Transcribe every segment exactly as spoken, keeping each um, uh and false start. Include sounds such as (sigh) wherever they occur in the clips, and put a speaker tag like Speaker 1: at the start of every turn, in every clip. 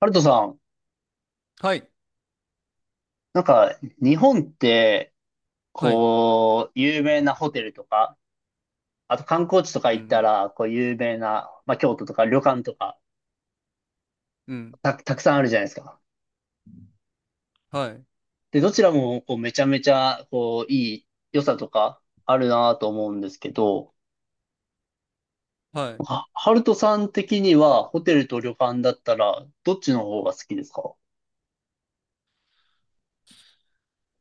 Speaker 1: ハルトさん、
Speaker 2: はい。
Speaker 1: なんか、日本って、
Speaker 2: はい。
Speaker 1: こう、有名なホテルとか、あと観光地とか
Speaker 2: う
Speaker 1: 行った
Speaker 2: ん。
Speaker 1: ら、こう、有名な、まあ、京都とか旅館とか、
Speaker 2: うん。
Speaker 1: た、たくさんあるじゃないですか。
Speaker 2: はい。
Speaker 1: で、どちらも、こう、めちゃめちゃ、こう、いい良さとか、あるなと思うんですけど、
Speaker 2: はい。
Speaker 1: はハルトさん的には、ホテルと旅館だったら、どっちの方が好きですか？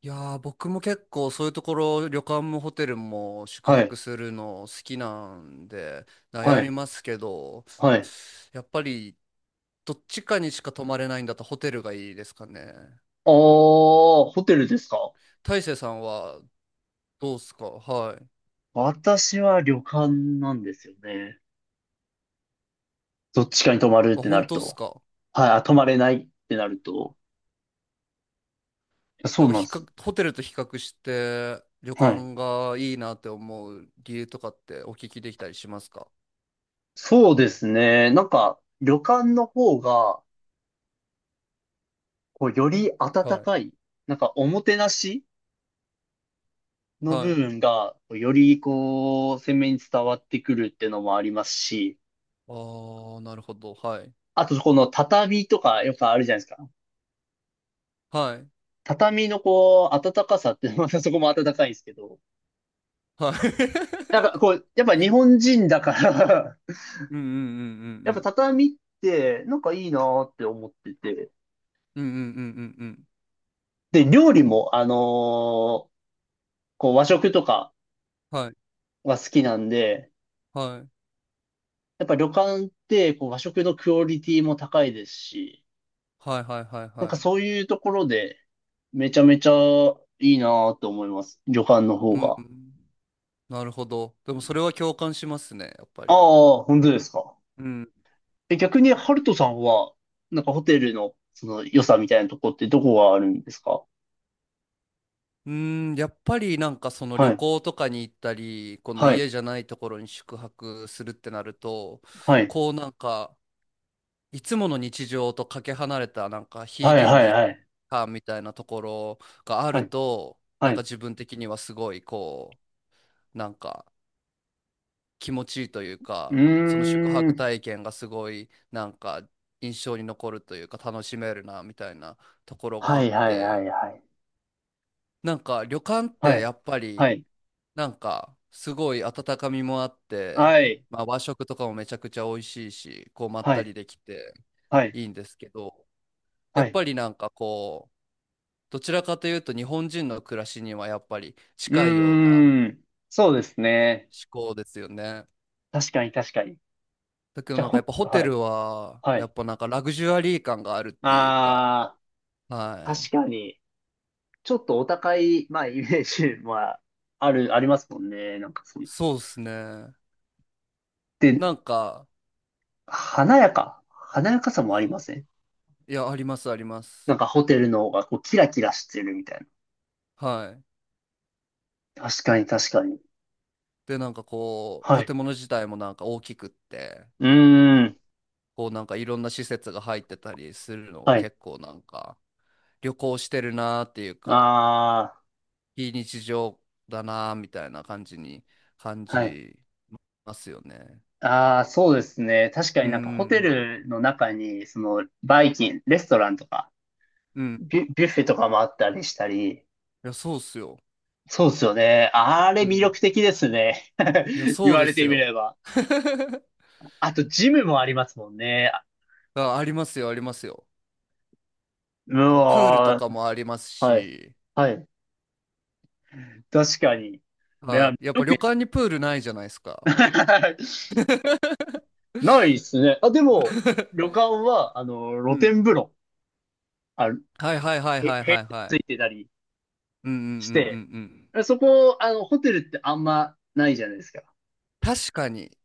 Speaker 2: いやー、僕も結構そういうところ、旅館もホテルも宿
Speaker 1: はい、
Speaker 2: 泊するの好きなんで、
Speaker 1: は
Speaker 2: 悩み
Speaker 1: い、
Speaker 2: ますけど、
Speaker 1: はい。
Speaker 2: やっぱりどっちかにしか泊まれないんだったらホテルがいいですかね。
Speaker 1: あー、ホテルですか？
Speaker 2: 大成さんはどうっすか。はい。
Speaker 1: 私は旅館なんですよね。どっちかに泊まるっ
Speaker 2: あ、
Speaker 1: てな
Speaker 2: 本
Speaker 1: る
Speaker 2: 当っす
Speaker 1: と。
Speaker 2: か？
Speaker 1: はい、あ、泊まれないってなると。そ
Speaker 2: なん
Speaker 1: う
Speaker 2: か
Speaker 1: なん
Speaker 2: 比
Speaker 1: です。
Speaker 2: 較、ホテルと比較して旅
Speaker 1: はい。
Speaker 2: 館がいいなって思う理由とかってお聞きできたりしますか？
Speaker 1: そうですね。なんか、旅館の方が、こう、より温
Speaker 2: はい。
Speaker 1: かい、なんか、おもてなしの
Speaker 2: は
Speaker 1: 部
Speaker 2: い。
Speaker 1: 分が、こうより、こう、鮮明に伝わってくるっていうのもありますし、
Speaker 2: ああ、なるほど。はい。
Speaker 1: あと、この畳とか、よくあるじゃないですか。
Speaker 2: はい。
Speaker 1: 畳の、こう、温かさって、(laughs) またそこも温かいんですけど、
Speaker 2: はい。
Speaker 1: なんか、
Speaker 2: (laughs)
Speaker 1: こう、やっぱ日本人だから
Speaker 2: うんうん
Speaker 1: (laughs) や
Speaker 2: う
Speaker 1: っぱ
Speaker 2: ん
Speaker 1: 畳って、なんかいいなーって思ってて、
Speaker 2: うんうん。うんうんうんうんうん。
Speaker 1: で、料理も、あのーこう和食とか
Speaker 2: はい。
Speaker 1: が好きなんで、
Speaker 2: はい。
Speaker 1: やっぱ旅館ってこう和食のクオリティも高いですし、
Speaker 2: はいはいはい
Speaker 1: なん
Speaker 2: は
Speaker 1: か
Speaker 2: い。
Speaker 1: そういうところで、めちゃめちゃいいなと思います。旅館の方
Speaker 2: うん
Speaker 1: が。
Speaker 2: うん。なるほど。でもそれは共感しますね、やっぱ
Speaker 1: あ
Speaker 2: り。
Speaker 1: あ、本当ですか？
Speaker 2: うん。
Speaker 1: え、逆に、ハルトさんは、なんかホテルの、その良さみたいなとこってどこがあるんですか？
Speaker 2: うーん、やっぱりなんかその
Speaker 1: は
Speaker 2: 旅
Speaker 1: い、
Speaker 2: 行とかに行ったり、この
Speaker 1: はい、
Speaker 2: 家じゃないところに宿泊するってなると、
Speaker 1: はい、
Speaker 2: こうなんか、いつもの日常とかけ離れたなんか非
Speaker 1: はい、
Speaker 2: 現
Speaker 1: はい、
Speaker 2: 実
Speaker 1: はい、
Speaker 2: 感みたいなところがあ
Speaker 1: は
Speaker 2: る
Speaker 1: い、
Speaker 2: と、
Speaker 1: は
Speaker 2: なんか
Speaker 1: い。
Speaker 2: 自分的にはすごいこう、なんか気持ちいいという
Speaker 1: う
Speaker 2: か、その宿
Speaker 1: ー
Speaker 2: 泊
Speaker 1: ん。
Speaker 2: 体験がすごいなんか印象に残るというか楽しめるなみたいなところが
Speaker 1: は
Speaker 2: あ
Speaker 1: い、
Speaker 2: っ
Speaker 1: はい、は
Speaker 2: て、
Speaker 1: い、はい。
Speaker 2: なんか旅館っ
Speaker 1: は
Speaker 2: て
Speaker 1: い、
Speaker 2: やっぱり
Speaker 1: はい。
Speaker 2: なんかすごい温かみもあって、
Speaker 1: はい。
Speaker 2: まあ、和食とかもめちゃくちゃ美味しいし、こうまっ
Speaker 1: は
Speaker 2: た
Speaker 1: い、
Speaker 2: りできて
Speaker 1: はい、
Speaker 2: いいんですけど、や
Speaker 1: は
Speaker 2: っ
Speaker 1: い。
Speaker 2: ぱりなんかこう、どちらかというと日本人の暮らしにはやっぱり
Speaker 1: う
Speaker 2: 近いような思
Speaker 1: ーん。そうですね。
Speaker 2: 考ですよね。
Speaker 1: 確かに、確かに。
Speaker 2: だけど
Speaker 1: じゃ
Speaker 2: な
Speaker 1: あ、
Speaker 2: んかやっ
Speaker 1: ほ、
Speaker 2: ぱホテ
Speaker 1: はい、
Speaker 2: ルは、
Speaker 1: は
Speaker 2: や
Speaker 1: い。
Speaker 2: っぱなんかラグジュアリー感があるっていうか、
Speaker 1: あ
Speaker 2: は
Speaker 1: ー、確
Speaker 2: い。
Speaker 1: かに。ちょっとお高い、まあ、イメージは、ある、ありますもんね。なんかそう。
Speaker 2: そうですね。
Speaker 1: で、
Speaker 2: なんか、
Speaker 1: 華やか。華やかさもありません？
Speaker 2: いや、ありますあります。
Speaker 1: なんかホテルの方が、こう、キラキラしてるみたいな。
Speaker 2: はい。
Speaker 1: 確かに、確かに。
Speaker 2: で、なんかこ
Speaker 1: は
Speaker 2: う、
Speaker 1: い。
Speaker 2: 建物自体もなんか大きくって、
Speaker 1: うーん。
Speaker 2: こうなんかいろんな施設が入ってたりするのが
Speaker 1: はい。
Speaker 2: 結構なんか、旅行してるなーっていうか、
Speaker 1: あ
Speaker 2: 非日常だなーみたいな感じに感
Speaker 1: ー、はい。
Speaker 2: じますよね。
Speaker 1: ああ、そうですね。確か
Speaker 2: うん
Speaker 1: に
Speaker 2: う
Speaker 1: なんかホテ
Speaker 2: ん
Speaker 1: ルの中に、その、バイキン、レストランとか、
Speaker 2: うん。うん。
Speaker 1: ビュ、ビュッフェとかもあったりしたり、
Speaker 2: いや、そうっすよ。
Speaker 1: そうですよね。あれ
Speaker 2: う
Speaker 1: 魅
Speaker 2: ん、
Speaker 1: 力的ですね。
Speaker 2: いや、
Speaker 1: (laughs) 言
Speaker 2: そう
Speaker 1: わ
Speaker 2: で
Speaker 1: れ
Speaker 2: す
Speaker 1: てみ
Speaker 2: よ。
Speaker 1: れば。
Speaker 2: (laughs)
Speaker 1: あと、ジムもありますもんね。
Speaker 2: あ、ありますよ、ありますよ。
Speaker 1: う
Speaker 2: なんかプールと
Speaker 1: わ
Speaker 2: かもあります
Speaker 1: ー、はい。
Speaker 2: し、
Speaker 1: はい。確かに。いや、
Speaker 2: は
Speaker 1: よ
Speaker 2: い。やっぱ
Speaker 1: く、
Speaker 2: 旅館にプールないじゃないですか。
Speaker 1: (laughs) ないですね。あ、でも、旅
Speaker 2: (laughs)
Speaker 1: 館は、あの、
Speaker 2: う
Speaker 1: 露
Speaker 2: ん。
Speaker 1: 天風呂、あ、
Speaker 2: はいはいはい
Speaker 1: へ、へ、
Speaker 2: はいはいは
Speaker 1: つい
Speaker 2: い。
Speaker 1: てたり、
Speaker 2: うんうんうんう
Speaker 1: して、
Speaker 2: んうん。
Speaker 1: そこ、あの、ホテルってあんまないじゃないですか。
Speaker 2: 確かに、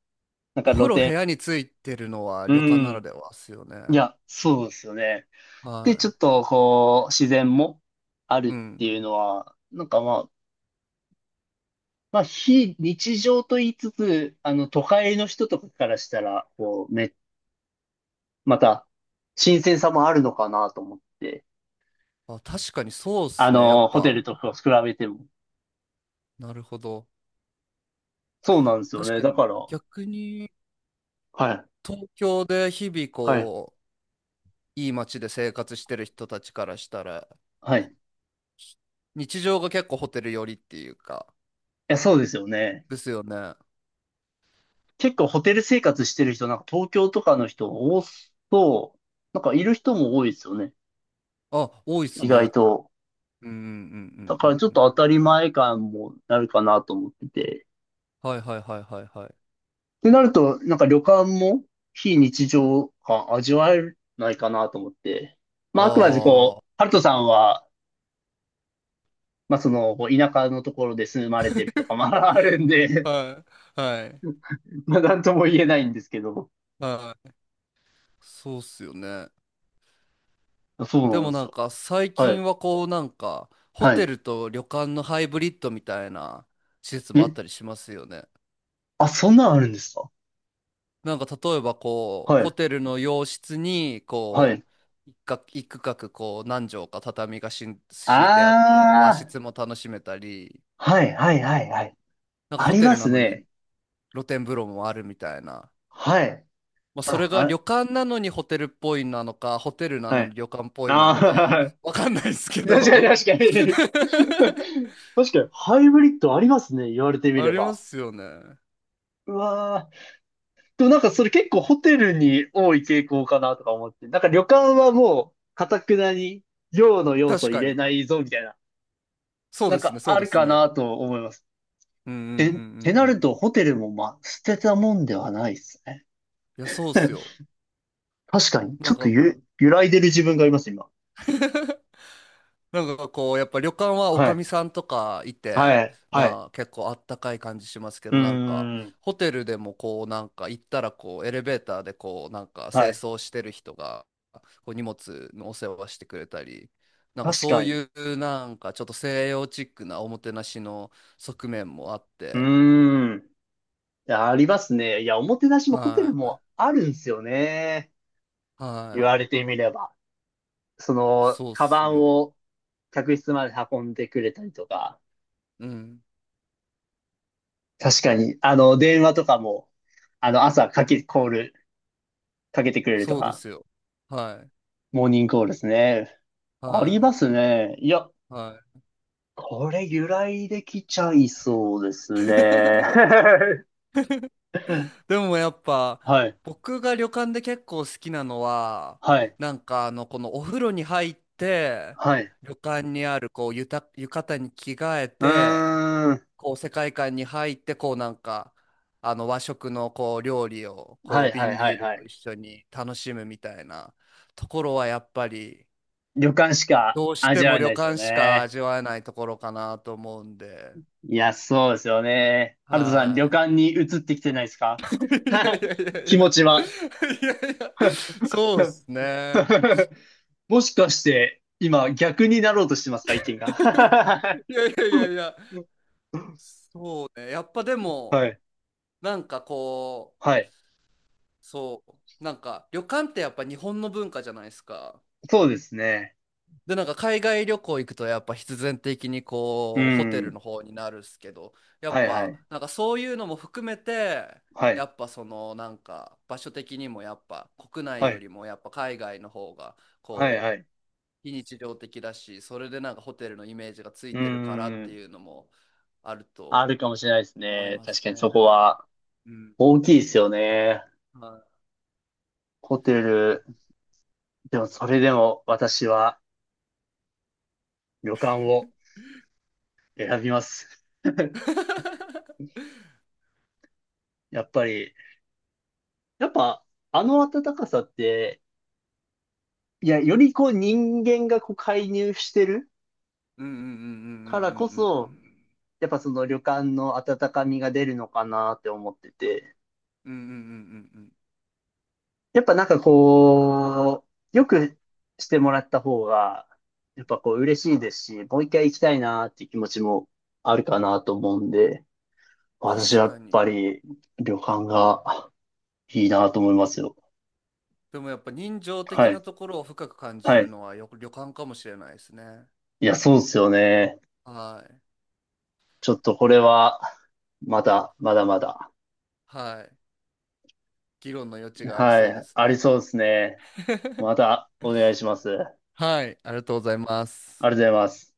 Speaker 1: なん
Speaker 2: お
Speaker 1: か
Speaker 2: 風
Speaker 1: 露
Speaker 2: 呂部
Speaker 1: 店。
Speaker 2: 屋についてるのは
Speaker 1: う
Speaker 2: 旅館な
Speaker 1: ん。
Speaker 2: らではですよね。
Speaker 1: いや、そうですよね。
Speaker 2: は
Speaker 1: で、ちょっと、こう、自然もある
Speaker 2: い。う
Speaker 1: って
Speaker 2: ん。
Speaker 1: いうのは、なんかまあ、まあ、非日常と言いつつ、あの、都会の人とかからしたら、こう、め、また、新鮮さもあるのかなと思って、
Speaker 2: あ、確かにそうっ
Speaker 1: あ
Speaker 2: すね、や
Speaker 1: の、
Speaker 2: っ
Speaker 1: ホテ
Speaker 2: ぱ。
Speaker 1: ルとかを比べても。
Speaker 2: なるほど。
Speaker 1: そうなんですよ
Speaker 2: 確
Speaker 1: ね。
Speaker 2: か
Speaker 1: だ
Speaker 2: に、
Speaker 1: から、は
Speaker 2: 逆に、
Speaker 1: い、
Speaker 2: 東京で日々
Speaker 1: はい、
Speaker 2: こう、いい街で生活してる人たちからしたら、
Speaker 1: はい。い
Speaker 2: 日常が結構ホテル寄りっていうか、
Speaker 1: や、そうですよね。
Speaker 2: ですよね。あ、
Speaker 1: 結構ホテル生活してる人、なんか東京とかの人多そう。なんかいる人も多いですよね。
Speaker 2: 多いっす
Speaker 1: 意
Speaker 2: ね。
Speaker 1: 外と。
Speaker 2: うんうんうんうん
Speaker 1: だか
Speaker 2: う
Speaker 1: らち
Speaker 2: ん
Speaker 1: ょ
Speaker 2: う
Speaker 1: っ
Speaker 2: ん。
Speaker 1: と当たり前感もなるかなと思ってて。
Speaker 2: はいはいはいはいはい。
Speaker 1: ってなると、なんか旅館も非日常感味わえないかなと思って。ま
Speaker 2: あ
Speaker 1: ああくまで
Speaker 2: あ、
Speaker 1: こう、
Speaker 2: は
Speaker 1: ハルトさんは、まあその、こう田舎のところで住まれてるとか、まああるんで、
Speaker 2: い、はい、
Speaker 1: まあなんとも言えないんですけど。
Speaker 2: はい。そうっすよね。
Speaker 1: そう
Speaker 2: で
Speaker 1: なんで
Speaker 2: も
Speaker 1: す
Speaker 2: なん
Speaker 1: よ。
Speaker 2: か最
Speaker 1: はい。
Speaker 2: 近はこうなんか、ホ
Speaker 1: は
Speaker 2: テ
Speaker 1: い。
Speaker 2: ルと旅館のハイブリッドみたいな施設もあっ
Speaker 1: え、
Speaker 2: たりしますよね。
Speaker 1: あ、そんなんあるんですか？
Speaker 2: なんか例えばこ
Speaker 1: は
Speaker 2: う、
Speaker 1: い。
Speaker 2: ホテルの洋室に
Speaker 1: は
Speaker 2: こ
Speaker 1: い。
Speaker 2: う、一角一区画こう何畳か畳がしん敷いてあって和
Speaker 1: ああ、
Speaker 2: 室も楽しめたり
Speaker 1: はいはいはいはい。
Speaker 2: なんか
Speaker 1: あ
Speaker 2: ホ
Speaker 1: り
Speaker 2: テ
Speaker 1: ま
Speaker 2: ルな
Speaker 1: す
Speaker 2: のに
Speaker 1: ね。
Speaker 2: 露天風呂もあるみたいな。
Speaker 1: はい。
Speaker 2: まあ、そ
Speaker 1: あ、
Speaker 2: れが旅
Speaker 1: あ、
Speaker 2: 館なのにホテルっぽいなのか、ホテルな
Speaker 1: は
Speaker 2: の
Speaker 1: い。
Speaker 2: に旅館っぽいなのかは
Speaker 1: ああ、
Speaker 2: わかんないですけ
Speaker 1: (laughs) 確かに
Speaker 2: ど。
Speaker 1: 確かに。(laughs)
Speaker 2: (laughs)
Speaker 1: 確かに、ハイブリッドありますね。言われてみ
Speaker 2: あ
Speaker 1: れ
Speaker 2: りま
Speaker 1: ば。
Speaker 2: すよね。
Speaker 1: うわー。でもなんかそれ結構ホテルに多い傾向かなとか思って。なんか旅館はもう、かたくなに、量の要
Speaker 2: 確
Speaker 1: 素入
Speaker 2: か
Speaker 1: れ
Speaker 2: に。
Speaker 1: ないぞみたいな。
Speaker 2: そう
Speaker 1: な
Speaker 2: で
Speaker 1: ん
Speaker 2: す
Speaker 1: か
Speaker 2: ね、そ
Speaker 1: あ
Speaker 2: うで
Speaker 1: る
Speaker 2: す
Speaker 1: か
Speaker 2: ね。
Speaker 1: なと思います。
Speaker 2: うんうんう
Speaker 1: て、て
Speaker 2: ん
Speaker 1: な
Speaker 2: うんう
Speaker 1: る
Speaker 2: ん。
Speaker 1: と、ホテルもまあ、捨てたもんではないですね。
Speaker 2: いや、そうっすよ。
Speaker 1: (laughs) 確かに、
Speaker 2: な
Speaker 1: ちょ
Speaker 2: ん
Speaker 1: っと
Speaker 2: か
Speaker 1: ゆ、揺らいでる自分がいます、今。
Speaker 2: (laughs) なんかこう、やっぱ旅館はお
Speaker 1: は
Speaker 2: か
Speaker 1: い。
Speaker 2: みさんとかいて、
Speaker 1: はい。はい。
Speaker 2: まあ結構あったかい感じしますけ
Speaker 1: う
Speaker 2: ど、なんか
Speaker 1: ーん。
Speaker 2: ホテルでもこうなんか行ったらこうエレベーターでこうなんか
Speaker 1: は
Speaker 2: 清
Speaker 1: い。
Speaker 2: 掃してる人がこう荷物のお世話してくれたり、なんか
Speaker 1: 確
Speaker 2: そう
Speaker 1: かに。
Speaker 2: いうなんかちょっと西洋チックなおもてなしの側面もあっ
Speaker 1: う
Speaker 2: て、
Speaker 1: ーん。いや、ありますね。いや、おもてなしもホテル
Speaker 2: はい、
Speaker 1: もあるんですよね。言
Speaker 2: は
Speaker 1: わ
Speaker 2: い、
Speaker 1: れてみれば。その、
Speaker 2: そうっ
Speaker 1: カバ
Speaker 2: す
Speaker 1: ン
Speaker 2: よ。
Speaker 1: を客室まで運んでくれたりとか。
Speaker 2: うん、
Speaker 1: 確かに。あの、電話とかも、あの、朝かけ、コール、かけてくれると
Speaker 2: そうで
Speaker 1: か、
Speaker 2: すよ。はい、
Speaker 1: モーニングコールですね。あり
Speaker 2: は
Speaker 1: ますね。いや、
Speaker 2: い、はい。
Speaker 1: これ由来できちゃいそうですね。
Speaker 2: (laughs)
Speaker 1: (laughs)
Speaker 2: でもやっぱ
Speaker 1: はい。
Speaker 2: 僕が旅館で結構好きなのは
Speaker 1: はい。
Speaker 2: なんかあのこのお風呂に入って
Speaker 1: はい。
Speaker 2: 旅館にあるこうゆた浴衣に着替え
Speaker 1: う
Speaker 2: て
Speaker 1: ーん。
Speaker 2: こう世界観に入ってこうなんかあの和食のこう料理をこ
Speaker 1: は
Speaker 2: う
Speaker 1: いはい
Speaker 2: 瓶
Speaker 1: は
Speaker 2: ビー
Speaker 1: い
Speaker 2: ル
Speaker 1: は
Speaker 2: と
Speaker 1: い。
Speaker 2: 一緒に楽しむみたいなところはやっぱり
Speaker 1: 旅館しか
Speaker 2: どうして
Speaker 1: 味わ
Speaker 2: も
Speaker 1: えな
Speaker 2: 旅
Speaker 1: いですよ
Speaker 2: 館しか
Speaker 1: ね。
Speaker 2: 味わえないところかなと思うんで、
Speaker 1: いや、そうですよね。ハルトさん、旅
Speaker 2: はい。
Speaker 1: 館に移ってきてないですか？
Speaker 2: いやいやいや
Speaker 1: (laughs)
Speaker 2: いや。
Speaker 1: 気持ちは。
Speaker 2: いやいや、そうっす
Speaker 1: (laughs)
Speaker 2: ね。
Speaker 1: もしかして、今、逆になろうとしてますか？意見が。(laughs)
Speaker 2: いやいやいやいや、そうね。やっぱでも、
Speaker 1: はい。
Speaker 2: なんかこ
Speaker 1: は
Speaker 2: う、
Speaker 1: い。
Speaker 2: そう、なんか旅館ってやっぱ日本の文化じゃないですか。
Speaker 1: そうですね。
Speaker 2: で、なんか海外旅行行くとやっぱ必然的に
Speaker 1: う
Speaker 2: こう、ホテル
Speaker 1: ん。
Speaker 2: の方になるっすけど、や
Speaker 1: は
Speaker 2: っ
Speaker 1: いは
Speaker 2: ぱ
Speaker 1: い。
Speaker 2: なんかそういうのも含めて、
Speaker 1: は
Speaker 2: や
Speaker 1: い。
Speaker 2: っぱそのなんか場所的にもやっぱ国内
Speaker 1: は
Speaker 2: よ
Speaker 1: い。
Speaker 2: りもやっぱ海外の方が
Speaker 1: はい
Speaker 2: こ
Speaker 1: は
Speaker 2: う、
Speaker 1: い。
Speaker 2: 非日常的だし、それでなんかホテルのイメージがつ
Speaker 1: う
Speaker 2: いてるからって
Speaker 1: ん。
Speaker 2: いうのもある
Speaker 1: あ
Speaker 2: と
Speaker 1: るかもしれないです
Speaker 2: 思い
Speaker 1: ね。
Speaker 2: ます
Speaker 1: 確か
Speaker 2: ね。
Speaker 1: にそこは
Speaker 2: うん。
Speaker 1: 大きいですよね。
Speaker 2: はい。
Speaker 1: ホテル、でもそれでも私は旅館を選びます。(laughs)
Speaker 2: (laughs)
Speaker 1: やっぱり、やっぱあの暖かさって、いや、よりこう人間がこう介入してる
Speaker 2: うんうんう
Speaker 1: か
Speaker 2: ん
Speaker 1: らこそ、やっぱその旅館の温かみが出るのかなって思ってて、
Speaker 2: うんうんうんうんうんうんうんうんうん。
Speaker 1: やっぱなんかこう、よくしてもらった方が、やっぱこう嬉しいですし、もう一回行きたいなっていう気持ちもあるかなと思うんで、
Speaker 2: 確
Speaker 1: 私はや
Speaker 2: か
Speaker 1: っ
Speaker 2: に。
Speaker 1: ぱり旅館がいいなと思いますよ。
Speaker 2: でもやっぱ人情
Speaker 1: は
Speaker 2: 的な
Speaker 1: い。
Speaker 2: ところを深く感じ
Speaker 1: は
Speaker 2: る
Speaker 1: い。
Speaker 2: のはよ旅館かもしれないですね。
Speaker 1: いや、そうですよね。
Speaker 2: はい。
Speaker 1: ちょっとこれは、まだ、まだまだ。
Speaker 2: はい。議論の余地があり
Speaker 1: は
Speaker 2: そうで
Speaker 1: い。
Speaker 2: す
Speaker 1: あり
Speaker 2: ね。
Speaker 1: そうですね。
Speaker 2: (laughs)
Speaker 1: またお願いします。あり
Speaker 2: はい。ありがとうございます。
Speaker 1: がとうございます。